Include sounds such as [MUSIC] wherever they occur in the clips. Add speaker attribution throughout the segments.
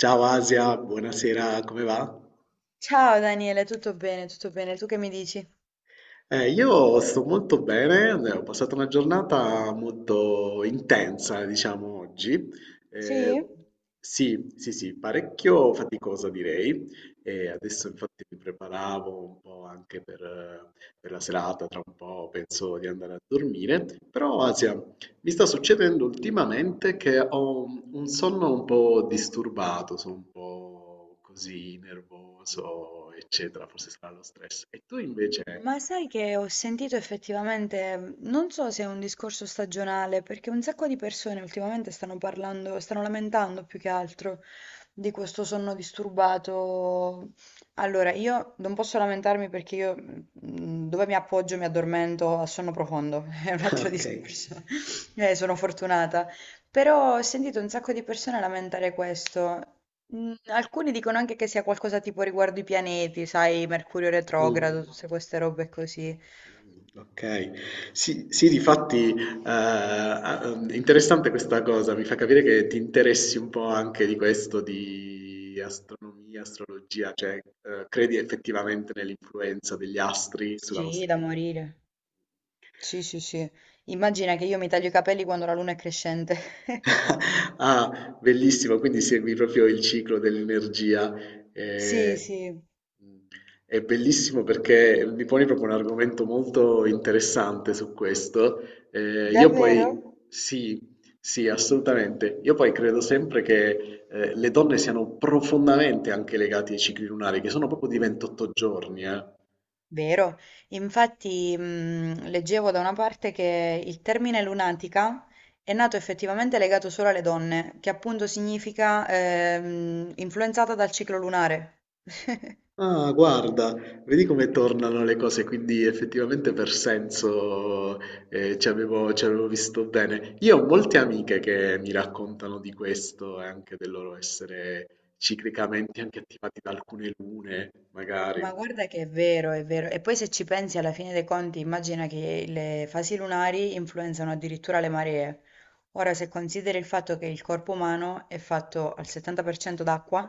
Speaker 1: Ciao Asia, buonasera, come va?
Speaker 2: Ciao Daniele, tutto bene, tu che mi dici?
Speaker 1: Io sto molto bene, ho passato una giornata molto intensa, diciamo, oggi. Eh,
Speaker 2: Sì?
Speaker 1: sì, sì, sì, parecchio faticosa direi. E adesso infatti mi preparavo un po' anche per la serata, tra un po' penso di andare a dormire. Però, Asia, mi sta succedendo ultimamente che ho un sonno un po' disturbato, sono un po' così nervoso, eccetera, forse sarà lo stress. E tu invece?
Speaker 2: Ma sai che ho sentito effettivamente, non so se è un discorso stagionale, perché un sacco di persone ultimamente stanno parlando, stanno lamentando più che altro di questo sonno disturbato. Allora, io non posso lamentarmi perché io dove mi appoggio mi addormento a sonno profondo, [LAUGHS] è un
Speaker 1: [LAUGHS]
Speaker 2: altro
Speaker 1: Okay.
Speaker 2: discorso. [LAUGHS] Sono fortunata. Però ho sentito un sacco di persone lamentare questo. Alcuni dicono anche che sia qualcosa tipo riguardo i pianeti, sai, Mercurio
Speaker 1: Mh.
Speaker 2: retrogrado, tutte queste robe così.
Speaker 1: Okay. Sì, sì difatti, a interessante questa cosa, mi fa capire che ti interessi un po' anche di questo, di astronomia, astrologia, cioè, credi effettivamente nell'influenza degli astri sulla
Speaker 2: Sì,
Speaker 1: nostra
Speaker 2: da
Speaker 1: vita.
Speaker 2: morire. Sì, sì, sì. Immagina che io mi taglio i capelli quando la luna è crescente. [LAUGHS]
Speaker 1: [LAUGHS] Ah, bellissimo, quindi segui proprio il ciclo dell'energia.
Speaker 2: Sì,
Speaker 1: eh,
Speaker 2: sì,
Speaker 1: È bellissimo perché mi poni proprio un argomento molto interessante su questo. Io
Speaker 2: davvero?
Speaker 1: poi, sì, sì, assolutamente. Io poi credo sempre che le donne siano profondamente anche legate ai cicli lunari, che sono proprio di 28 giorni, eh.
Speaker 2: Vero. Infatti, leggevo da una parte che il termine lunatica è nato effettivamente legato solo alle donne, che appunto significa influenzata dal ciclo lunare. [LAUGHS]
Speaker 1: Ah, guarda, vedi come tornano le cose, quindi effettivamente per senso ci avevo visto bene. Io ho molte amiche che mi raccontano di questo e anche del loro essere ciclicamente anche attivati da alcune lune, magari.
Speaker 2: Ma guarda che è vero, è vero. E poi se ci pensi alla fine dei conti, immagina che le fasi lunari influenzano addirittura le maree. Ora, se consideri il fatto che il corpo umano è fatto al 70% d'acqua,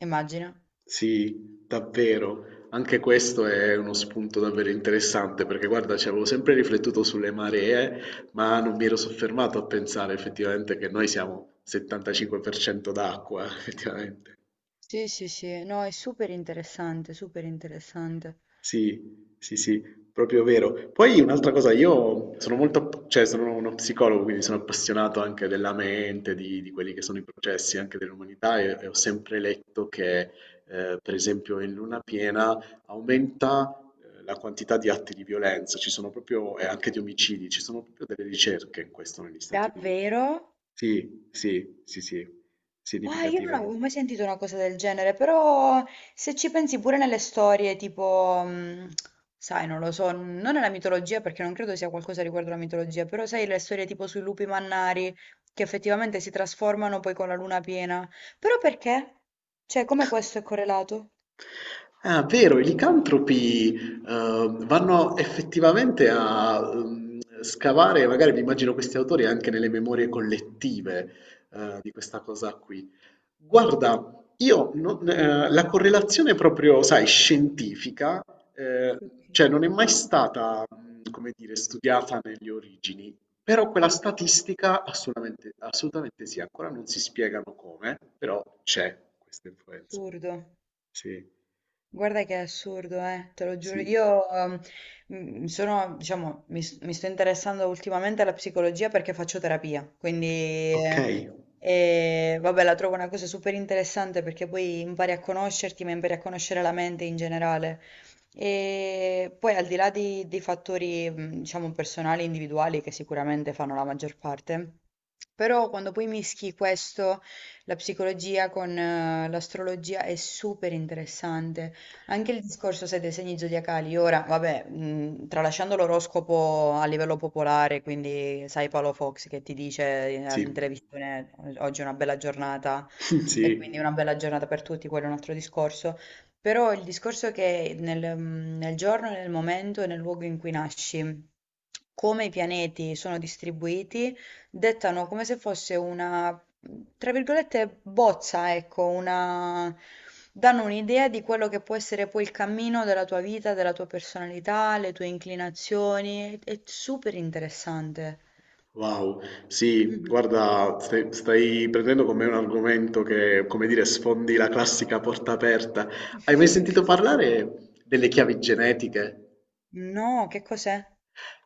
Speaker 2: immagina.
Speaker 1: Sì, davvero. Anche questo è uno spunto davvero interessante perché guarda, ci avevo sempre riflettuto sulle maree, ma non mi ero soffermato a pensare effettivamente che noi siamo 75% d'acqua, [LAUGHS] effettivamente.
Speaker 2: Sì, sì, sì, no, è super interessante, super interessante.
Speaker 1: Sì, sì, sì, proprio vero. Poi un'altra cosa, io sono molto, cioè sono uno psicologo, quindi sono appassionato anche della mente, di quelli che sono i processi anche dell'umanità e ho sempre letto che, per esempio, in luna piena aumenta la quantità di atti di violenza, ci sono proprio, e anche di omicidi, ci sono proprio delle ricerche in questo negli Stati Uniti.
Speaker 2: Davvero?
Speaker 1: Sì, sì, sì, sì,
Speaker 2: Ah, io non avevo
Speaker 1: significativamente.
Speaker 2: mai sentito una cosa del genere, però se ci pensi pure nelle storie, tipo, sai, non lo so, non nella mitologia perché non credo sia qualcosa riguardo alla mitologia, però sai le storie tipo sui lupi mannari che effettivamente si trasformano poi con la luna piena. Però perché? Cioè, come questo è correlato?
Speaker 1: Ah, vero, i licantropi, vanno effettivamente a scavare, magari mi immagino questi autori anche nelle memorie collettive, di questa cosa qui. Guarda, io non- la correlazione proprio, sai, scientifica, eh,
Speaker 2: Ok.
Speaker 1: cioè non è mai stata, come dire, studiata nelle origini, però quella statistica assolutamente, assolutamente sì, ancora non si spiegano come, però c'è questa influenza.
Speaker 2: Assurdo,
Speaker 1: Sì.
Speaker 2: guarda che è assurdo, te lo giuro.
Speaker 1: Sì.
Speaker 2: Io sono, diciamo, mi sto interessando ultimamente alla psicologia perché faccio terapia, quindi
Speaker 1: Okay.
Speaker 2: e vabbè, la trovo una cosa super interessante perché poi impari a conoscerti, ma impari a conoscere la mente in generale. E poi al di là di fattori, diciamo, personali, individuali, che sicuramente fanno la maggior parte, però quando poi mischi questo, la psicologia con l'astrologia è super interessante. Anche il discorso, sai, dei segni zodiacali, ora, vabbè, tralasciando l'oroscopo a livello popolare, quindi sai Paolo Fox che ti dice in
Speaker 1: Sì.
Speaker 2: in televisione oggi è una bella giornata
Speaker 1: [LAUGHS] Sì.
Speaker 2: e quindi una bella giornata per tutti, quello è un altro discorso, però il discorso è che nel, nel giorno, nel momento e nel luogo in cui nasci, come i pianeti sono distribuiti, dettano come se fosse una tra virgolette "bozza", ecco, una danno un'idea di quello che può essere poi il cammino della tua vita, della tua personalità, le tue inclinazioni. È super interessante.
Speaker 1: Wow. Sì,
Speaker 2: Mh-mh.
Speaker 1: guarda, stai prendendo con me un argomento che, come dire, sfondi la classica porta aperta. Hai mai sentito
Speaker 2: [LAUGHS]
Speaker 1: parlare delle chiavi genetiche?
Speaker 2: No, che cos'è?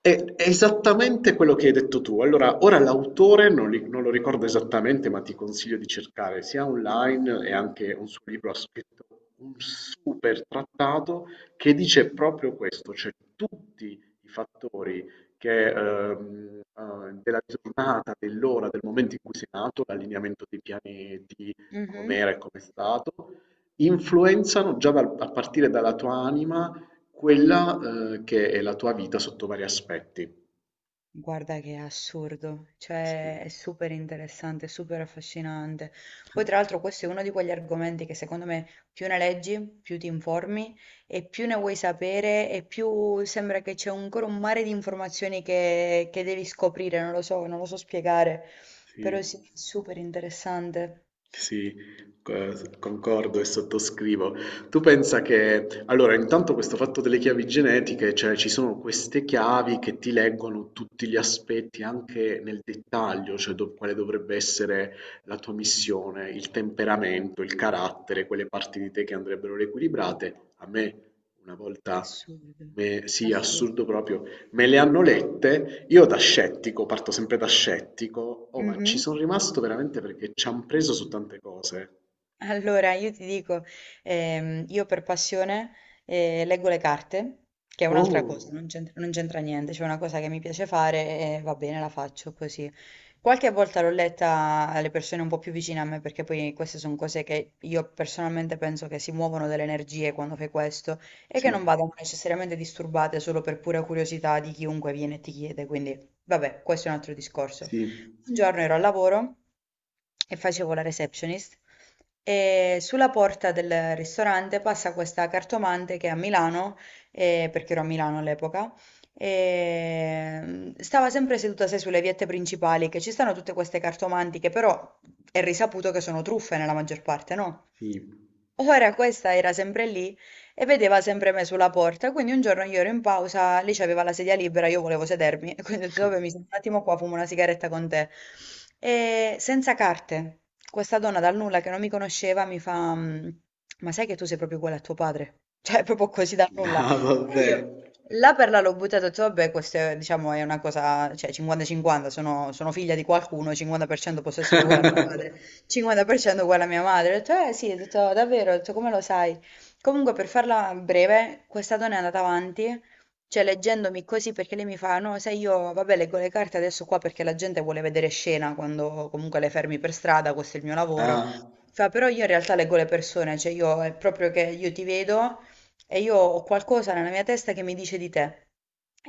Speaker 1: È esattamente quello che hai detto tu. Allora, ora l'autore non lo ricordo esattamente, ma ti consiglio di cercare sia online e anche un suo libro ha scritto un super trattato che dice proprio questo, cioè tutti i fattori che, della giornata, dell'ora, del momento in cui sei nato, l'allineamento dei pianeti,
Speaker 2: Mh-mh.
Speaker 1: com'era e com'è stato, influenzano già a partire dalla tua anima quella, che è la tua vita sotto vari aspetti.
Speaker 2: Guarda che è assurdo, cioè
Speaker 1: Sì,
Speaker 2: è super interessante, è super affascinante. Poi tra l'altro questo è uno di quegli argomenti che secondo me più ne leggi, più ti informi e più ne vuoi sapere e più sembra che c'è ancora un mare di informazioni che devi scoprire, non lo so, non lo so spiegare, però
Speaker 1: sì,
Speaker 2: sì, è super interessante.
Speaker 1: sì, co concordo e sottoscrivo. Tu pensa che allora intanto questo fatto delle chiavi genetiche, cioè ci sono queste chiavi che ti leggono tutti gli aspetti anche nel dettaglio, cioè do quale dovrebbe essere la tua missione, il temperamento, il carattere, quelle parti di te che andrebbero riequilibrate. A me una volta
Speaker 2: Assurdo,
Speaker 1: me sì,
Speaker 2: assurdo.
Speaker 1: assurdo proprio. Me le hanno lette, io da scettico, parto sempre da scettico, oh, ma ci
Speaker 2: Mhm.
Speaker 1: sono rimasto veramente perché ci hanno preso su tante cose.
Speaker 2: Allora, io ti dico, io per passione leggo le carte, che è un'altra cosa,
Speaker 1: Oh,
Speaker 2: non c'entra niente, c'è una cosa che mi piace fare e va bene, la faccio così. Qualche volta l'ho letta alle persone un po' più vicine a me, perché poi queste sono cose che io personalmente penso che si muovono delle energie quando fai questo e che
Speaker 1: sì,
Speaker 2: non vadano necessariamente disturbate solo per pura curiosità di chiunque viene e ti chiede, quindi vabbè, questo è un altro discorso.
Speaker 1: sì,
Speaker 2: Un giorno ero al lavoro e facevo la receptionist. E sulla porta del ristorante passa questa cartomante che a Milano, perché ero a Milano all'epoca, stava sempre seduta, sai, sulle viette principali, che ci stanno tutte queste cartomanti che però è risaputo che sono truffe nella maggior parte, no?
Speaker 1: sì.
Speaker 2: Ora questa era sempre lì e vedeva sempre me sulla porta. Quindi un giorno io ero in pausa, lei c'aveva la sedia libera, io volevo sedermi, [LAUGHS] e quindi ho detto, vabbè, mi sento un attimo qua, fumo una sigaretta con te. E senza carte, questa donna dal nulla che non mi conosceva mi fa, "Mm, ma sai che tu sei proprio uguale a tuo padre? [LAUGHS] Cioè, proprio così dal nulla.
Speaker 1: No,
Speaker 2: E
Speaker 1: vabbè.
Speaker 2: io là per là l'ho buttato, ho detto, vabbè, questo è, diciamo, è una cosa, cioè 50-50, sono, sono figlia di qualcuno, 50% posso essere uguale a mio
Speaker 1: [LAUGHS]
Speaker 2: padre, 50% uguale a mia madre. Ho detto, eh sì, ho detto, davvero, ho detto, come lo sai? Comunque, per farla breve, questa donna è andata avanti, cioè leggendomi così perché lei mi fa: no, sai, io vabbè, leggo le carte adesso qua perché la gente vuole vedere scena quando comunque le fermi per strada, questo è il mio lavoro.
Speaker 1: Ah,
Speaker 2: Fa, però io in realtà leggo le persone, cioè io è proprio che io ti vedo e io ho qualcosa nella mia testa che mi dice di te.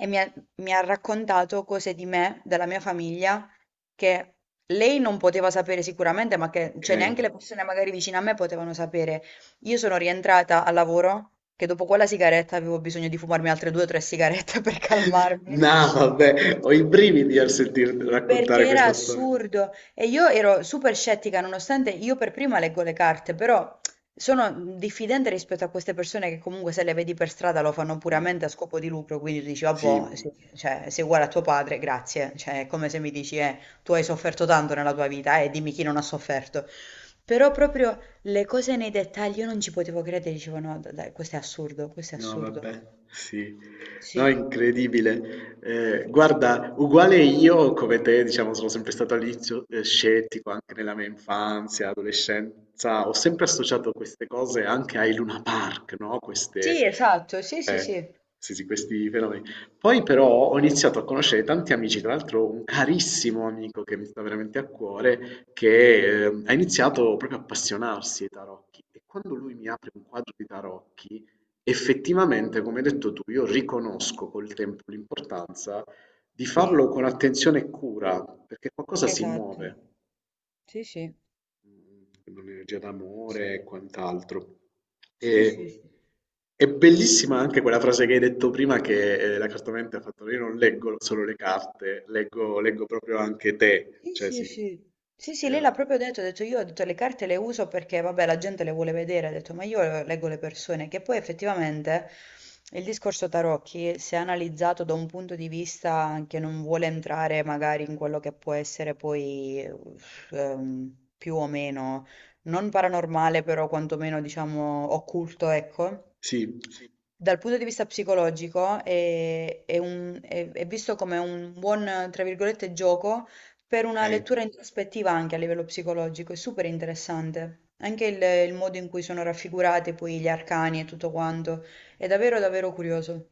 Speaker 2: E mi ha raccontato cose di me, della mia famiglia, che lei non poteva sapere sicuramente, ma che
Speaker 1: ok.
Speaker 2: cioè, neanche le persone magari vicine a me potevano sapere. Io sono rientrata al lavoro che dopo quella sigaretta avevo bisogno di fumarmi altre due o tre sigarette [LAUGHS] per calmarmi.
Speaker 1: [LAUGHS] No, vabbè, ho i brividi al sentir
Speaker 2: Perché
Speaker 1: raccontare
Speaker 2: era
Speaker 1: questa storia.
Speaker 2: assurdo e io ero super scettica, nonostante io per prima leggo le carte, però sono diffidente rispetto a queste persone che comunque se le vedi per strada lo fanno puramente
Speaker 1: Sì,
Speaker 2: a scopo di lucro, quindi tu dici,
Speaker 1: sì.
Speaker 2: vabbè, cioè, sei uguale a tuo padre, grazie, cioè è come se mi dici, tu hai sofferto tanto nella tua vita e dimmi chi non ha sofferto. Però proprio le cose nei dettagli, io non ci potevo credere, dicevo no, dai, questo è assurdo, questo è
Speaker 1: No
Speaker 2: assurdo.
Speaker 1: vabbè, sì. No, è
Speaker 2: Sì.
Speaker 1: incredibile. Guarda, uguale io come te, diciamo, sono sempre stato all'inizio scettico anche nella mia infanzia, adolescenza. Ho sempre associato queste cose anche ai Luna Park, no? Queste,
Speaker 2: Sì, esatto, sì, sì,
Speaker 1: eh,
Speaker 2: sì.
Speaker 1: sì, sì, questi fenomeni. Poi però ho iniziato a conoscere tanti amici, tra l'altro un carissimo amico che mi sta veramente a cuore, che ha iniziato proprio a appassionarsi ai tarocchi. E quando lui mi apre un quadro di tarocchi, effettivamente, come hai detto tu, io riconosco col tempo l'importanza di
Speaker 2: Sì,
Speaker 1: farlo con attenzione e cura, perché qualcosa si
Speaker 2: esatto.
Speaker 1: muove,
Speaker 2: Sì, sì.
Speaker 1: mm, un'energia d'amore e quant'altro.
Speaker 2: Sì, sì,
Speaker 1: E,
Speaker 2: sì.
Speaker 1: è bellissima anche quella frase che hai detto prima che la cartomante ha fatto, io non leggo solo le carte, leggo, leggo proprio anche te,
Speaker 2: Sì,
Speaker 1: cioè
Speaker 2: sì,
Speaker 1: sì,
Speaker 2: sì.
Speaker 1: si
Speaker 2: Sì, sì, lei l'ha
Speaker 1: crea-
Speaker 2: proprio detto, ha detto io ho detto, le carte le uso perché vabbè la gente le vuole vedere, ha detto ma io leggo le persone, che poi effettivamente il discorso tarocchi, se analizzato da un punto di vista che non vuole entrare magari in quello che può essere poi uff, più o meno, non paranormale però quantomeno diciamo occulto, ecco
Speaker 1: sì,
Speaker 2: dal punto di vista psicologico è visto come un buon, tra virgolette, gioco per una
Speaker 1: ok.
Speaker 2: lettura introspettiva anche a livello psicologico, è super interessante. Anche il modo in cui sono raffigurati poi gli arcani e tutto quanto, è davvero davvero curioso.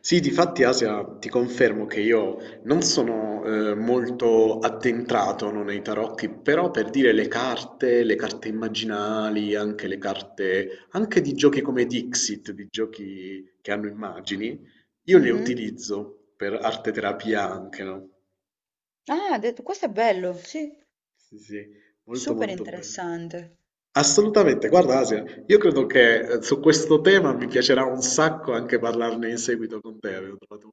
Speaker 1: Sì, difatti Asia, ti confermo che io non sono molto addentrato no, nei tarocchi, però per dire le carte immaginali, anche le carte, anche di giochi come Dixit, di giochi che hanno immagini, io le
Speaker 2: Mhm.
Speaker 1: utilizzo per arte terapia anche, no?
Speaker 2: Ah, questo è bello, sì,
Speaker 1: Sì, sì, molto
Speaker 2: super
Speaker 1: molto bello.
Speaker 2: interessante.
Speaker 1: Assolutamente, guarda Asia, io credo che su questo tema mi piacerà un sacco anche parlarne in seguito con te. Avevo trovato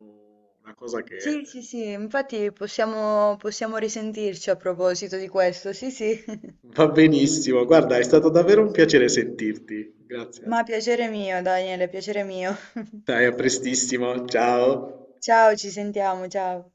Speaker 1: una cosa che
Speaker 2: Sì, sì, sì, infatti possiamo risentirci a proposito di questo, sì, sì. [LAUGHS]
Speaker 1: va benissimo, guarda, è stato davvero un piacere sentirti. Grazie.
Speaker 2: Ma piacere mio, Daniele, piacere mio.
Speaker 1: Dai, a prestissimo, ciao.
Speaker 2: Ciao, ci sentiamo, ciao.